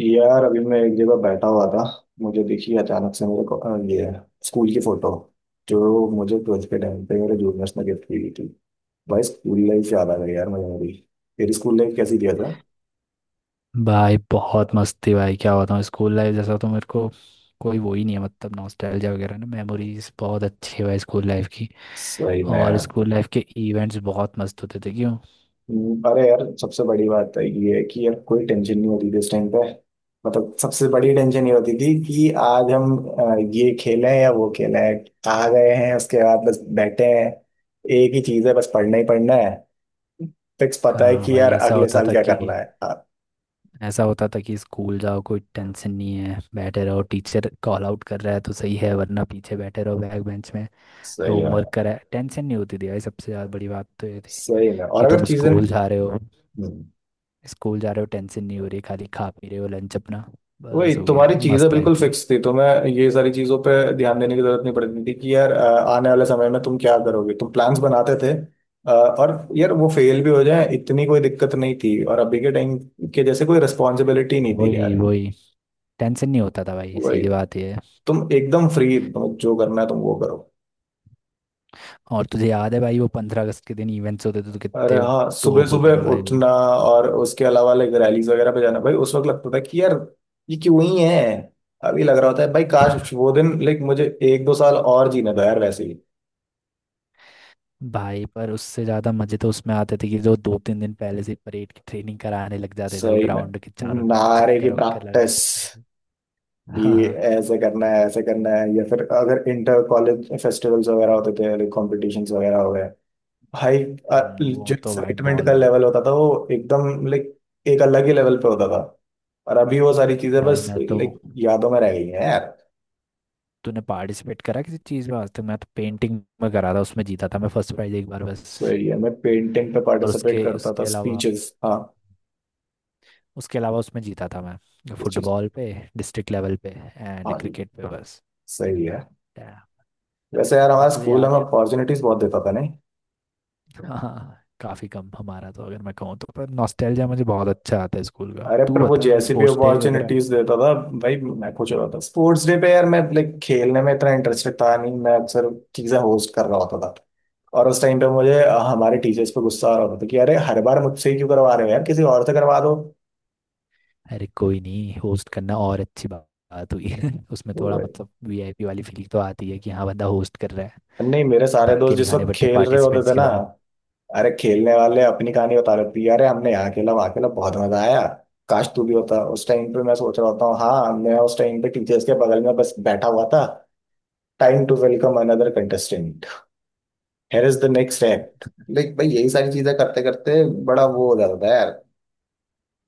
यार अभी मैं एक जगह बैठा हुआ था। मुझे दिखी अचानक से मेरे को ये स्कूल की फोटो जो मुझे ट्वेल्थ के टाइम पे मेरे जूनियर्स ने गिफ्ट की हुई थी। भाई स्कूल लाइफ याद आ गई यार मुझे मेरी। तेरी स्कूल लाइफ कैसी दिया था? भाई बहुत मस्ती। भाई क्या बताऊँ, स्कूल लाइफ जैसा तो मेरे को कोई वो ही नहीं है। मतलब नॉस्टैल्जिया वगैरह ना, मेमोरीज बहुत अच्छी है भाई स्कूल लाइफ की। सही में और यार। स्कूल लाइफ के इवेंट्स बहुत मस्त होते थे, क्यों। अरे यार सबसे बड़ी बात है ये है कि यार कोई टेंशन नहीं होती थी इस टाइम पे। मतलब सबसे बड़ी टेंशन ये होती थी कि आज हम ये खेलें या वो खेलें। आ गए हैं उसके बाद बस बैठे हैं। एक ही चीज है, बस पढ़ना ही पढ़ना है। फिक्स पता है हाँ कि भाई, यार ऐसा अगले होता साल था क्या कि करना है। हाँ। ऐसा होता था कि स्कूल जाओ कोई टेंशन नहीं है, बैठे रहो। टीचर कॉल आउट कर रहा है तो सही है, वरना पीछे बैठे रहो बैक बेंच में। सही है। होमवर्क करा है, टेंशन नहीं होती थी भाई। सबसे ज़्यादा बड़ी बात तो ये थी सही में। और कि अगर तुम चीजें स्कूल जा रहे हो, हम्म, टेंशन नहीं हो रही, खाली खा पी रहे हो लंच अपना, वही बस हो गया। तुम्हारी चीजें मस्त लाइफ बिल्कुल थी। फिक्स थी तो मैं ये सारी चीजों पे ध्यान देने की जरूरत नहीं पड़ती थी कि यार आने वाले समय में तुम क्या करोगे, तुम प्लान्स बनाते थे। और यार वो फेल भी हो जाए इतनी कोई दिक्कत नहीं थी, और अभी के टाइम के जैसे कोई रिस्पॉन्सिबिलिटी नहीं थी वही यार। वही टेंशन नहीं होता था भाई, वही। सीधी बात ये है। तुम एकदम फ्री, तुम जो करना है तुम वो करो। और तुझे याद है भाई वो 15 अगस्त के दिन इवेंट्स होते थे तो अरे कितने हाँ सुबह टोप होते थे सुबह भाई वो। उठना और उसके अलावा लाइक रैलीज वगैरह पे जाना, भाई उस वक्त लगता था कि यार ये क्यों ही है। अभी लग रहा होता है भाई काश वो दिन लाइक मुझे एक दो साल और जीने दो यार वैसे ही। भाई पर उससे ज़्यादा मज़े तो उसमें आते थे कि जो दो तीन दिन पहले से परेड की ट्रेनिंग कराने लग जाते थे, वो सही में। ग्राउंड के चारों तरफ नारे की चक्कर वक्कर लगाने लग प्रैक्टिस। जाते थे। हाँ ये हाँ, ऐसे करना है ऐसे करना है, या फिर अगर इंटर कॉलेज फेस्टिवल्स वगैरह होते थे, लाइक कॉम्पिटिशन्स वगैरह हो गए। भाई वो जो तो भाई एक्साइटमेंट बहुत का बढ़िया। लेवल होता था वो एकदम लाइक एक अलग ही लेवल पे होता था। और अभी वो सारी चीजें भाई बस मैं तो लाइक यादों में रह गई हैं यार। तूने पार्टिसिपेट करा किसी चीज़ में आज तक? मैं तो पेंटिंग में करा था, उसमें जीता था मैं फर्स्ट प्राइज एक बार बस। सही है, मैं पेंटिंग पे और पार्टिसिपेट उसके करता था, स्पीचेस। हाँ। उसके अलावा उसमें जीता था मैं इस चीज। फुटबॉल पे डिस्ट्रिक्ट लेवल पे एंड हाँ जी। क्रिकेट पे बस। सही है। Yeah. वैसे यार हमारा और तुझे स्कूल याद हमें है, अपॉर्चुनिटीज बहुत देता था नहीं? हाँ काफ़ी कम हमारा तो, अगर मैं कहूँ तो। पर नॉस्टैल्जिया मुझे बहुत अच्छा आता है स्कूल का। अरे तू पर वो बता जैसी भी स्पोर्ट्स डे वगैरह। अपॉर्चुनिटीज देता था भाई। मैं खुश हो रहा था स्पोर्ट्स डे पे यार, मैं लाइक खेलने में इतना इंटरेस्टेड था नहीं, मैं अक्सर चीजें होस्ट कर रहा होता था। और उस टाइम पे मुझे हमारे टीचर्स पे गुस्सा आ रहा होता था कि अरे हर बार मुझसे ही क्यों करवा रहे हो यार, किसी और से करवा दो। अरे कोई नहीं, होस्ट करना और अच्छी बात हुई। उसमें थोड़ा वो- मतलब वीआईपी वाली फीलिंग तो आती है कि हाँ बंदा होस्ट कर रहा है, नहीं मेरे सारे धक्के दोस्त नहीं जिस खाने वक्त पड़ते खेल रहे होते पार्टिसिपेंट्स थे की ना। तरह। अरे खेलने वाले अपनी कहानी बता रहे थे, अरे हमने यहाँ खेला, वहाँ खेला, बहुत मजा आया, काश तू भी होता उस टाइम पे। मैं सोच रहा होता हूँ, हाँ मैं उस टाइम पे टीचर्स के बगल में बस बैठा हुआ था। Time to welcome another contestant. Here is the next act. Like भाई यही सारी चीजें करते करते बड़ा वो हो जाता था यार।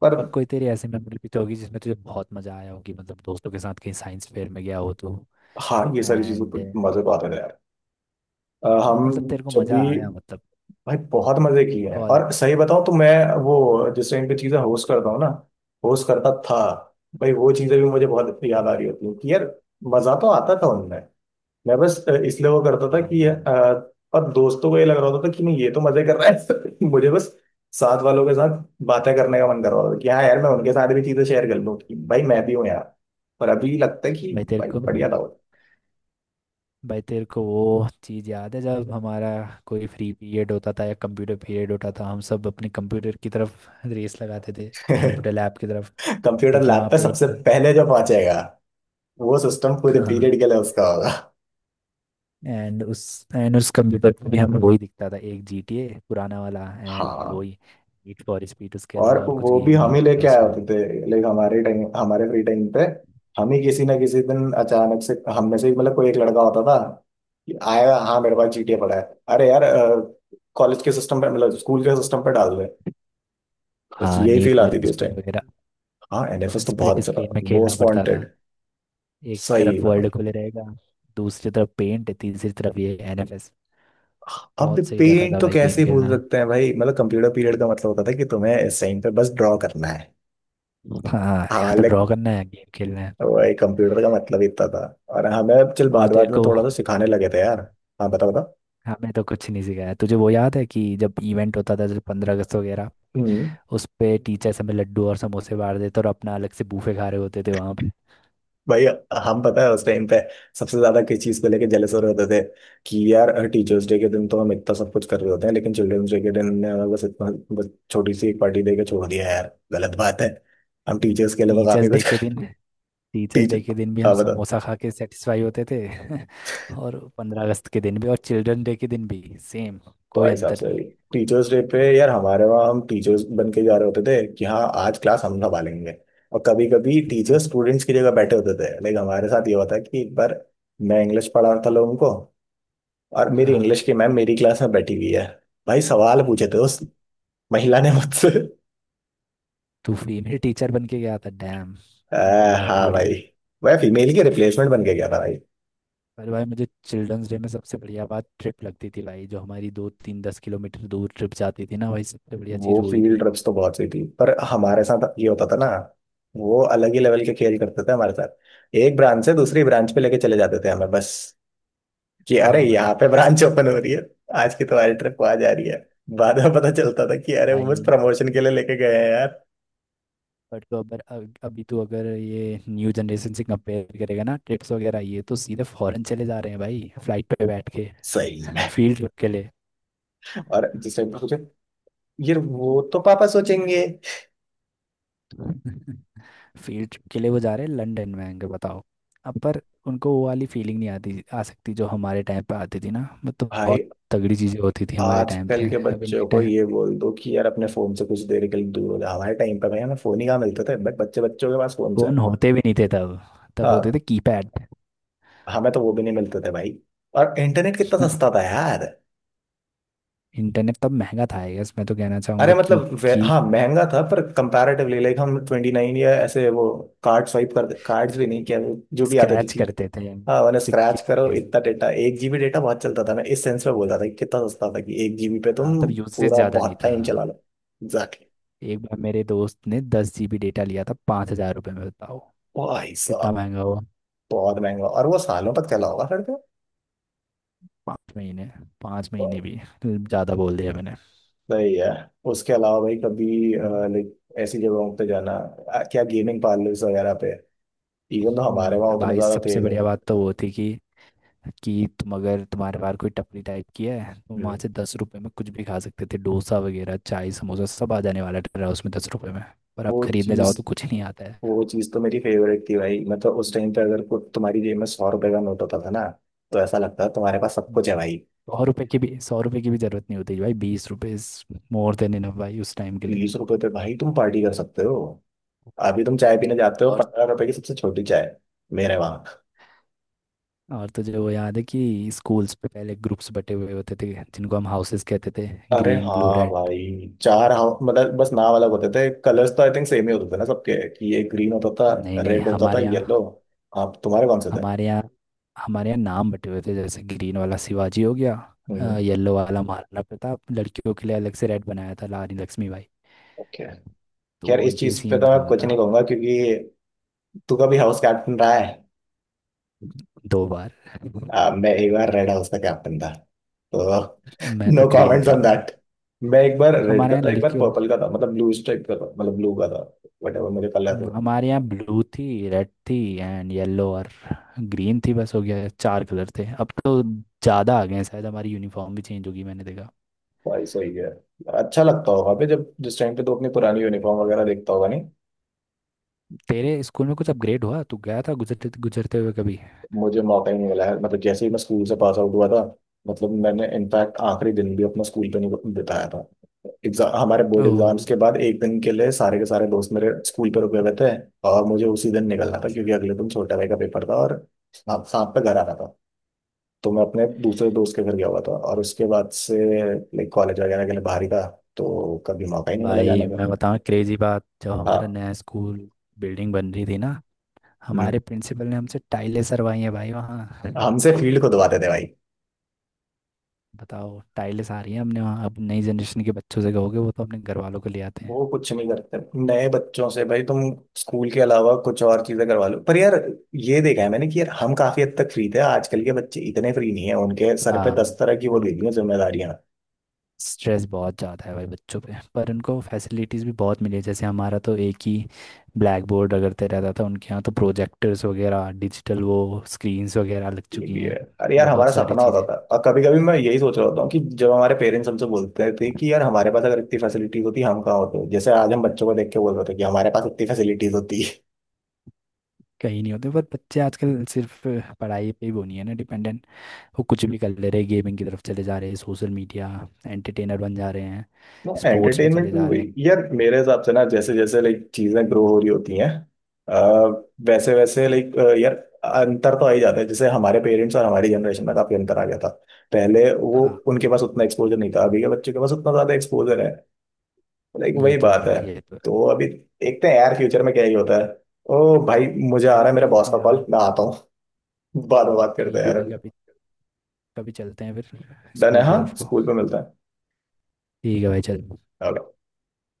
पर और कोई तेरी ऐसी मेमोरी भी तो होगी जिसमें तुझे बहुत मजा आया होगी, मतलब दोस्तों के साथ कहीं साइंस फेयर में गया हो तो। हाँ, ये सारी चीजों एंड पर मजे तो आते थे यार। हाँ, हम मतलब तेरे को जब भी, मजा आया मतलब। भाई बहुत मजे किए हैं। कॉल। और सही बताऊं तो मैं वो जिस टाइम पे चीजें होस्ट करता हूँ ना, होस्ट करता था, भाई वो चीजें भी मुझे बहुत याद आ रही होती हैं कि यार मजा तो आता था उनमें। मैं बस इसलिए वो करता था और कि भाई, और दोस्तों को ये लग रहा होता था कि नहीं ये तो मजे कर रहा है। मुझे बस साथ वालों के साथ बातें करने का मन कर रहा होता था कि हाँ यार मैं उनके साथ भी चीजें शेयर कर लूँ कि भाई मैं भी हूँ यार। पर अभी लगता है कि भाई तेरे भाई को बढ़िया था वो। भाई तेरे को वो चीज़ याद है जब हमारा कोई फ्री पीरियड होता था या कंप्यूटर पीरियड होता था, हम सब अपने कंप्यूटर की तरफ रेस लगाते थे, कंप्यूटर लैब की तरफ। कंप्यूटर क्योंकि लैब वहाँ पे पे एक। सबसे पहले जो पहुंचेगा, वो सिस्टम पूरे हाँ। पीरियड के लिए उसका होगा। एंड उस एंड उस कंप्यूटर पे भी हमें वही दिखता था, एक GTA पुराना वाला एंड हाँ। वही नीड फॉर स्पीड। उसके और अलावा और कुछ वो गेम भी ही नहीं हम ही होता था लेके आए उसमें। होते थे, लाइक हमारे टाइम, हमारे फ्री टाइम पे। हम ही किसी ना किसी दिन अचानक से, हम में से ही मतलब कोई एक लड़का होता था कि आया, हाँ मेरे पास जीटीए पड़ा है। अरे यार कॉलेज के सिस्टम पे, मतलब स्कूल के सिस्टम पे डाल दे। बस हाँ यही नीड फील फॉर आती थी उस टाइम। स्पीड वगैरह। हाँ एनएफएस तो बहुत स्प्लिट अच्छा था। स्क्रीन में खेलना मोस्ट पड़ता था। वांटेड। एक सही है तरफ वर्ल्ड भाई। खुले रहेगा, दूसरी तरफ पेंट, तीसरी तरफ ये एनएफएस। अब बहुत सही रहता पेंट था तो भाई गेम कैसे भूल खेलना। सकते हैं भाई, मतलब कंप्यूटर पीरियड का मतलब होता था कि तुम्हें इस टाइम पे बस ड्रॉ करना है। हाँ या हाँ तो like ड्रॉ करना है या गेम खेलना है। वही कंप्यूटर का मतलब इतना था। और हमें चल और बाद तेरे बाद में को थोड़ा सा सिखाने लगे थे यार। हाँ बता बता। हमें तो कुछ नहीं सिखाया। तुझे वो याद है कि जब इवेंट होता था, जैसे 15 अगस्त वगैरह, हम्म। उस पे टीचर्स हमें लड्डू और समोसे बांट देते और अपना अलग से बूफे खा रहे होते थे वहाँ पे। भाई हम, पता है उस टाइम पे सबसे ज्यादा किस चीज को लेके जेलस हो रहे होते थे? कि यार टीचर्स डे के दिन तो हम इतना सब कुछ कर रहे होते हैं लेकिन चिल्ड्रंस डे के दिन ने हमें बस इतना, बस छोटी सी एक पार्टी दे के छोड़ दिया यार, गलत बात है। हम टीचर्स के लिए तो काफी टीचर्स डे कुछ के दिन कर। Teachers day teacher. के दिन भी हम हाँ बता। समोसा खा के सेटिस्फाई होते थे। और 15 अगस्त के दिन भी और चिल्ड्रन डे के दिन भी सेम, कोई भाई साहब अंतर नहीं। सही। टीचर्स डे पे यार हमारे वहाँ हम टीचर्स बन के जा रहे होते थे कि हाँ आज क्लास हम संभालेंगे। और कभी कभी टीचर्स स्टूडेंट्स की जगह बैठे होते थे, लेकिन हमारे साथ ये होता कि एक बार मैं इंग्लिश पढ़ा रहा था लोगों को, और हाँ मेरी इंग्लिश हाँ। की मैम मेरी क्लास में बैठी हुई है। भाई सवाल पूछे थे उस महिला ने मुझसे। तू फीमेल टीचर बन के गया था? डैम, आ, बढ़िया भाई हाँ बढ़िया। भाई, वह फीमेल के रिप्लेसमेंट बन के गया था भाई। पर भाई मुझे चिल्ड्रंस डे में सबसे बढ़िया बात ट्रिप लगती थी भाई, जो हमारी दो तीन 10 किलोमीटर दूर ट्रिप जाती थी ना भाई, सबसे बढ़िया वो चीज़ वही फील्ड थी। ट्रिप्स तो बहुत सही थी, पर हमारे साथ ये होता था ना, वो अलग ही लेवल के खेल करते थे हमारे साथ। एक ब्रांच से दूसरी ब्रांच पे लेके चले जाते थे हमें बस कि हाँ अरे हाँ भाई। यहाँ पे ब्रांच ओपन हो रही है, आज की तुम्हारी ट्रिप वहां जा रही है। बाद में पता चलता था कि अरे वो आई बस प्रमोशन के लिए लेके गए हैं यार। बट तो अगर अग- अभी तो अगर ये न्यू जनरेशन से कंपेयर करेगा ना ट्रिप्स वगैरह, ये तो सीधे फॉरेन चले जा रहे हैं भाई फ्लाइट पे बैठ के। सही में। फील्ड ट्रिप के लिए। और जिस टाइम पे सोचे, यार वो तो पापा सोचेंगे। फील्ड ट्रिप के लिए वो जा रहे हैं लंदन में, आएंगे बताओ। अब पर उनको वो वाली फीलिंग नहीं आती, आ सकती जो हमारे टाइम पे आती थी ना। वो तो भाई बहुत तगड़ी चीज़ें होती थी हमारे टाइम पे। आजकल के अब इनके बच्चों को टाइम ये बोल दो कि यार अपने फोन से कुछ देर के लिए दूर हो जाओ, हमारे टाइम पे भाई हमें फोन ही कहाँ मिलते थे, बट बच्चे बच्चों के पास फोन फोन होते भी नहीं थे तब। तब होते थे से। कीपैड। हमें तो वो भी नहीं मिलते थे भाई। और इंटरनेट कितना सस्ता था यार। इंटरनेट तब महंगा था आई गेस, मैं तो कहना अरे चाहूंगा मतलब क्योंकि हाँ महंगा था, पर कंपैरेटिवली लाइक हम 29 या ऐसे वो कार्ड स्वाइप कर, कार्ड्स भी नहीं किया, जो भी आते थे स्क्रैच ठीक। करते थे हम हाँ मैंने सिक्के। स्क्रैच करो, इतना डेटा, 1 GB डेटा बहुत चलता था। मैं इस सेंस में बोल रहा था कि कितना सस्ता था कि 1 GB पे हाँ तब तुम यूसेज पूरा ज़्यादा नहीं बहुत था टाइम चला हाँ। लो। एग्जैक्टली। एक बार मेरे दोस्त ने 10 जीबी डेटा लिया था 5,000 रुपये में, बताओ भाई कितना साहब महंगा हुआ। बहुत महंगा। और वो सालों तक चला होगा फिर तो। 5 महीने, पाँच तो महीने भी ज़्यादा बोल दिया मैंने। सही है। उसके अलावा भाई कभी लाइक ऐसी जगहों पे जाना, क्या गेमिंग पार्लर्स वगैरह पे, इवन तो हमारे वहाँ अब उतने भाई ज्यादा थे सबसे नहीं। बढ़िया बात तो वो थी कि कि तुम अगर तुम्हारे पास कोई टपरी टाइप की है, तुम वहाँ हम्म, से 10 रुपये में कुछ भी खा सकते थे। डोसा वगैरह चाय समोसा सब आ जाने वाला था उसमें 10 रुपये में। पर अब वो खरीदने चीज, जाओ तो कुछ नहीं आता है। वो चीज तो मेरी फेवरेट थी भाई। मतलब उस टाइम पे अगर कुछ तुम्हारी जेब में 100 रुपए का नोट होता था ना, तो ऐसा लगता था तुम्हारे पास सब हम्म, कुछ है भाई। सौ रुपये की भी ज़रूरत नहीं होती भाई, 20 रुपये इज मोर देन इनफ भाई उस टाइम के लिए। 20 रुपए पे भाई तुम पार्टी कर सकते हो। अभी तुम चाय हम्म। पीने जाते हो और 15 रुपए की सबसे छोटी चाय। मेरे वहां। और तुझे वो याद है कि स्कूल्स पे पहले ग्रुप्स बटे हुए होते थे जिनको हम हाउसेस कहते थे, अरे ग्रीन ब्लू हाँ रेड। भाई चार, हाँ मतलब बस नाम अलग होते थे, कलर्स तो आई थिंक सेम ही होते थे ना सबके, कि ये ग्रीन होता था, नहीं नहीं, रेड होता था, येलो। आप, तुम्हारे कौन से थे? हमारे यहाँ हमारे यहाँ नाम बटे हुए थे। जैसे ग्रीन वाला शिवाजी हो गया, हम्म। येलो वाला महाराणा प्रताप, लड़कियों के लिए अलग से रेड बनाया था रानी लक्ष्मीबाई। ओके। यार तो इस ये चीज पे सीन तो मैं हुआ कुछ था। नहीं कहूंगा क्योंकि, तू कभी हाउस कैप्टन रहा है? दो बार। मैं एक बार रेड हाउस का कैप्टन था तो। मैं तो नो ग्रीन कमेंट्स था। On that. मैं एक बार रेड हमारे का यहाँ था, एक बार लड़कियों, पर्पल का था, मतलब ब्लू स्ट्राइप का था, मतलब ब्लू का था। वट एवर मुझे कलर हो। हमारे यहाँ ब्लू थी रेड थी एंड येलो और ग्रीन थी, बस हो गया चार कलर थे। अब तो ज़्यादा आ गए हैं शायद, हमारी यूनिफॉर्म भी चेंज होगी मैंने देखा। भाई सही है। अच्छा लगता होगा अबे, जब जिस टाइम पे तो अपनी पुरानी यूनिफॉर्म वगैरह देखता होगा, नहीं? तेरे स्कूल में कुछ अपग्रेड हुआ? तू गया था गुजरते गुजरते हुए कभी? मुझे मौका ही नहीं मिला है। मतलब जैसे ही मैं स्कूल से पास आउट हुआ था, मतलब मैंने इनफैक्ट आखिरी दिन भी अपना स्कूल पे नहीं बिताया था। एग्जाम, हमारे बोर्ड ओ एग्जाम्स के बाद एक दिन के लिए सारे के सारे दोस्त मेरे स्कूल पे रुके हुए थे। और मुझे उसी दिन निकलना था क्योंकि अगले दिन छोटा भाई का पेपर था, और साथ साथ पे घर आना था। तो मैं अपने दूसरे दोस्त के घर गया हुआ था, और उसके बाद से लाइक कॉलेज वगैरह के लिए बाहर ही था। तो कभी मौका ही नहीं मिला भाई जाने का। मैं बताऊँ क्रेजी बात, जब हमारा हाँ। नया स्कूल बिल्डिंग बन रही थी ना, हम्म। हमारे प्रिंसिपल ने हमसे टाइलें सरवाई हैं भाई वहाँ। हमसे फील्ड खुदवाते थे भाई। बताओ टाइलें आ रही हैं हमने वहाँ, अब नई जनरेशन के बच्चों से कहोगे वो तो अपने घर वालों को ले आते हैं। वो कुछ नहीं करते। नए बच्चों से भाई तुम स्कूल के अलावा कुछ और चीजें करवा लो। पर यार, ये देखा है मैंने कि यार हम काफी हद तक फ्री थे, आजकल के बच्चे इतने फ्री नहीं है, उनके सर पे हाँ 10 तरह की वो उन दे दी हैं जिम्मेदारियां। स्ट्रेस बहुत ज़्यादा है भाई बच्चों पे, पर उनको फैसिलिटीज़ भी बहुत मिली है। जैसे हमारा तो एक ही ब्लैक बोर्ड रगड़ते रहता था, उनके यहाँ तो प्रोजेक्टर्स वगैरह डिजिटल वो स्क्रीन्स वगैरह लग ये चुकी भी है। हैं। अरे यार हमारा बहुत सारी सपना होता चीज़ें था, और कभी कभी मैं यही सोच रहा होता हूँ कि जब हमारे पेरेंट्स हमसे बोलते थे कि यार हमारे पास अगर इतनी फैसिलिटीज होती हम कहाँ होते, जैसे आज हम बच्चों को देख के बोल रहे थे कि हमारे पास इतनी फैसिलिटीज होती। कहीं नहीं होते, पर बच्चे आजकल सिर्फ पढ़ाई पे ही वो नहीं है ना डिपेंडेंट, वो कुछ भी कर ले रहे हैं। गेमिंग की तरफ चले जा रहे हैं, सोशल मीडिया एंटरटेनर बन जा रहे हैं, ना स्पोर्ट्स पे एंटरटेनमेंट चले भी जा रहे वही हैं। यार मेरे हिसाब से, ना जैसे जैसे लाइक चीजें ग्रो हो रही होती हैं, अ, वैसे वैसे लाइक यार अंतर तो आ ही जाता है। जैसे हमारे पेरेंट्स और हमारी जनरेशन में तो काफी अंतर आ गया था। पहले वो हाँ उनके पास उतना एक्सपोजर नहीं था, अभी के बच्चे के पास उतना ज्यादा एक्सपोजर है। लाइक ये वही तो है बात है। भाई, ये तो है। तो अभी देखते हैं यार फ्यूचर में क्या ही होता है। ओ भाई मुझे आ रहा है मेरा चलते हैं बॉस का फिर हाँ। कॉल, मैं आता हूँ। बाद में बात करते हैं ठीक है यार, भाई, अभी कभी कभी चलते हैं फिर डन है। स्कूल की हाँ तरफ को। स्कूल पे मिलता है। ठीक है भाई चल। Okay.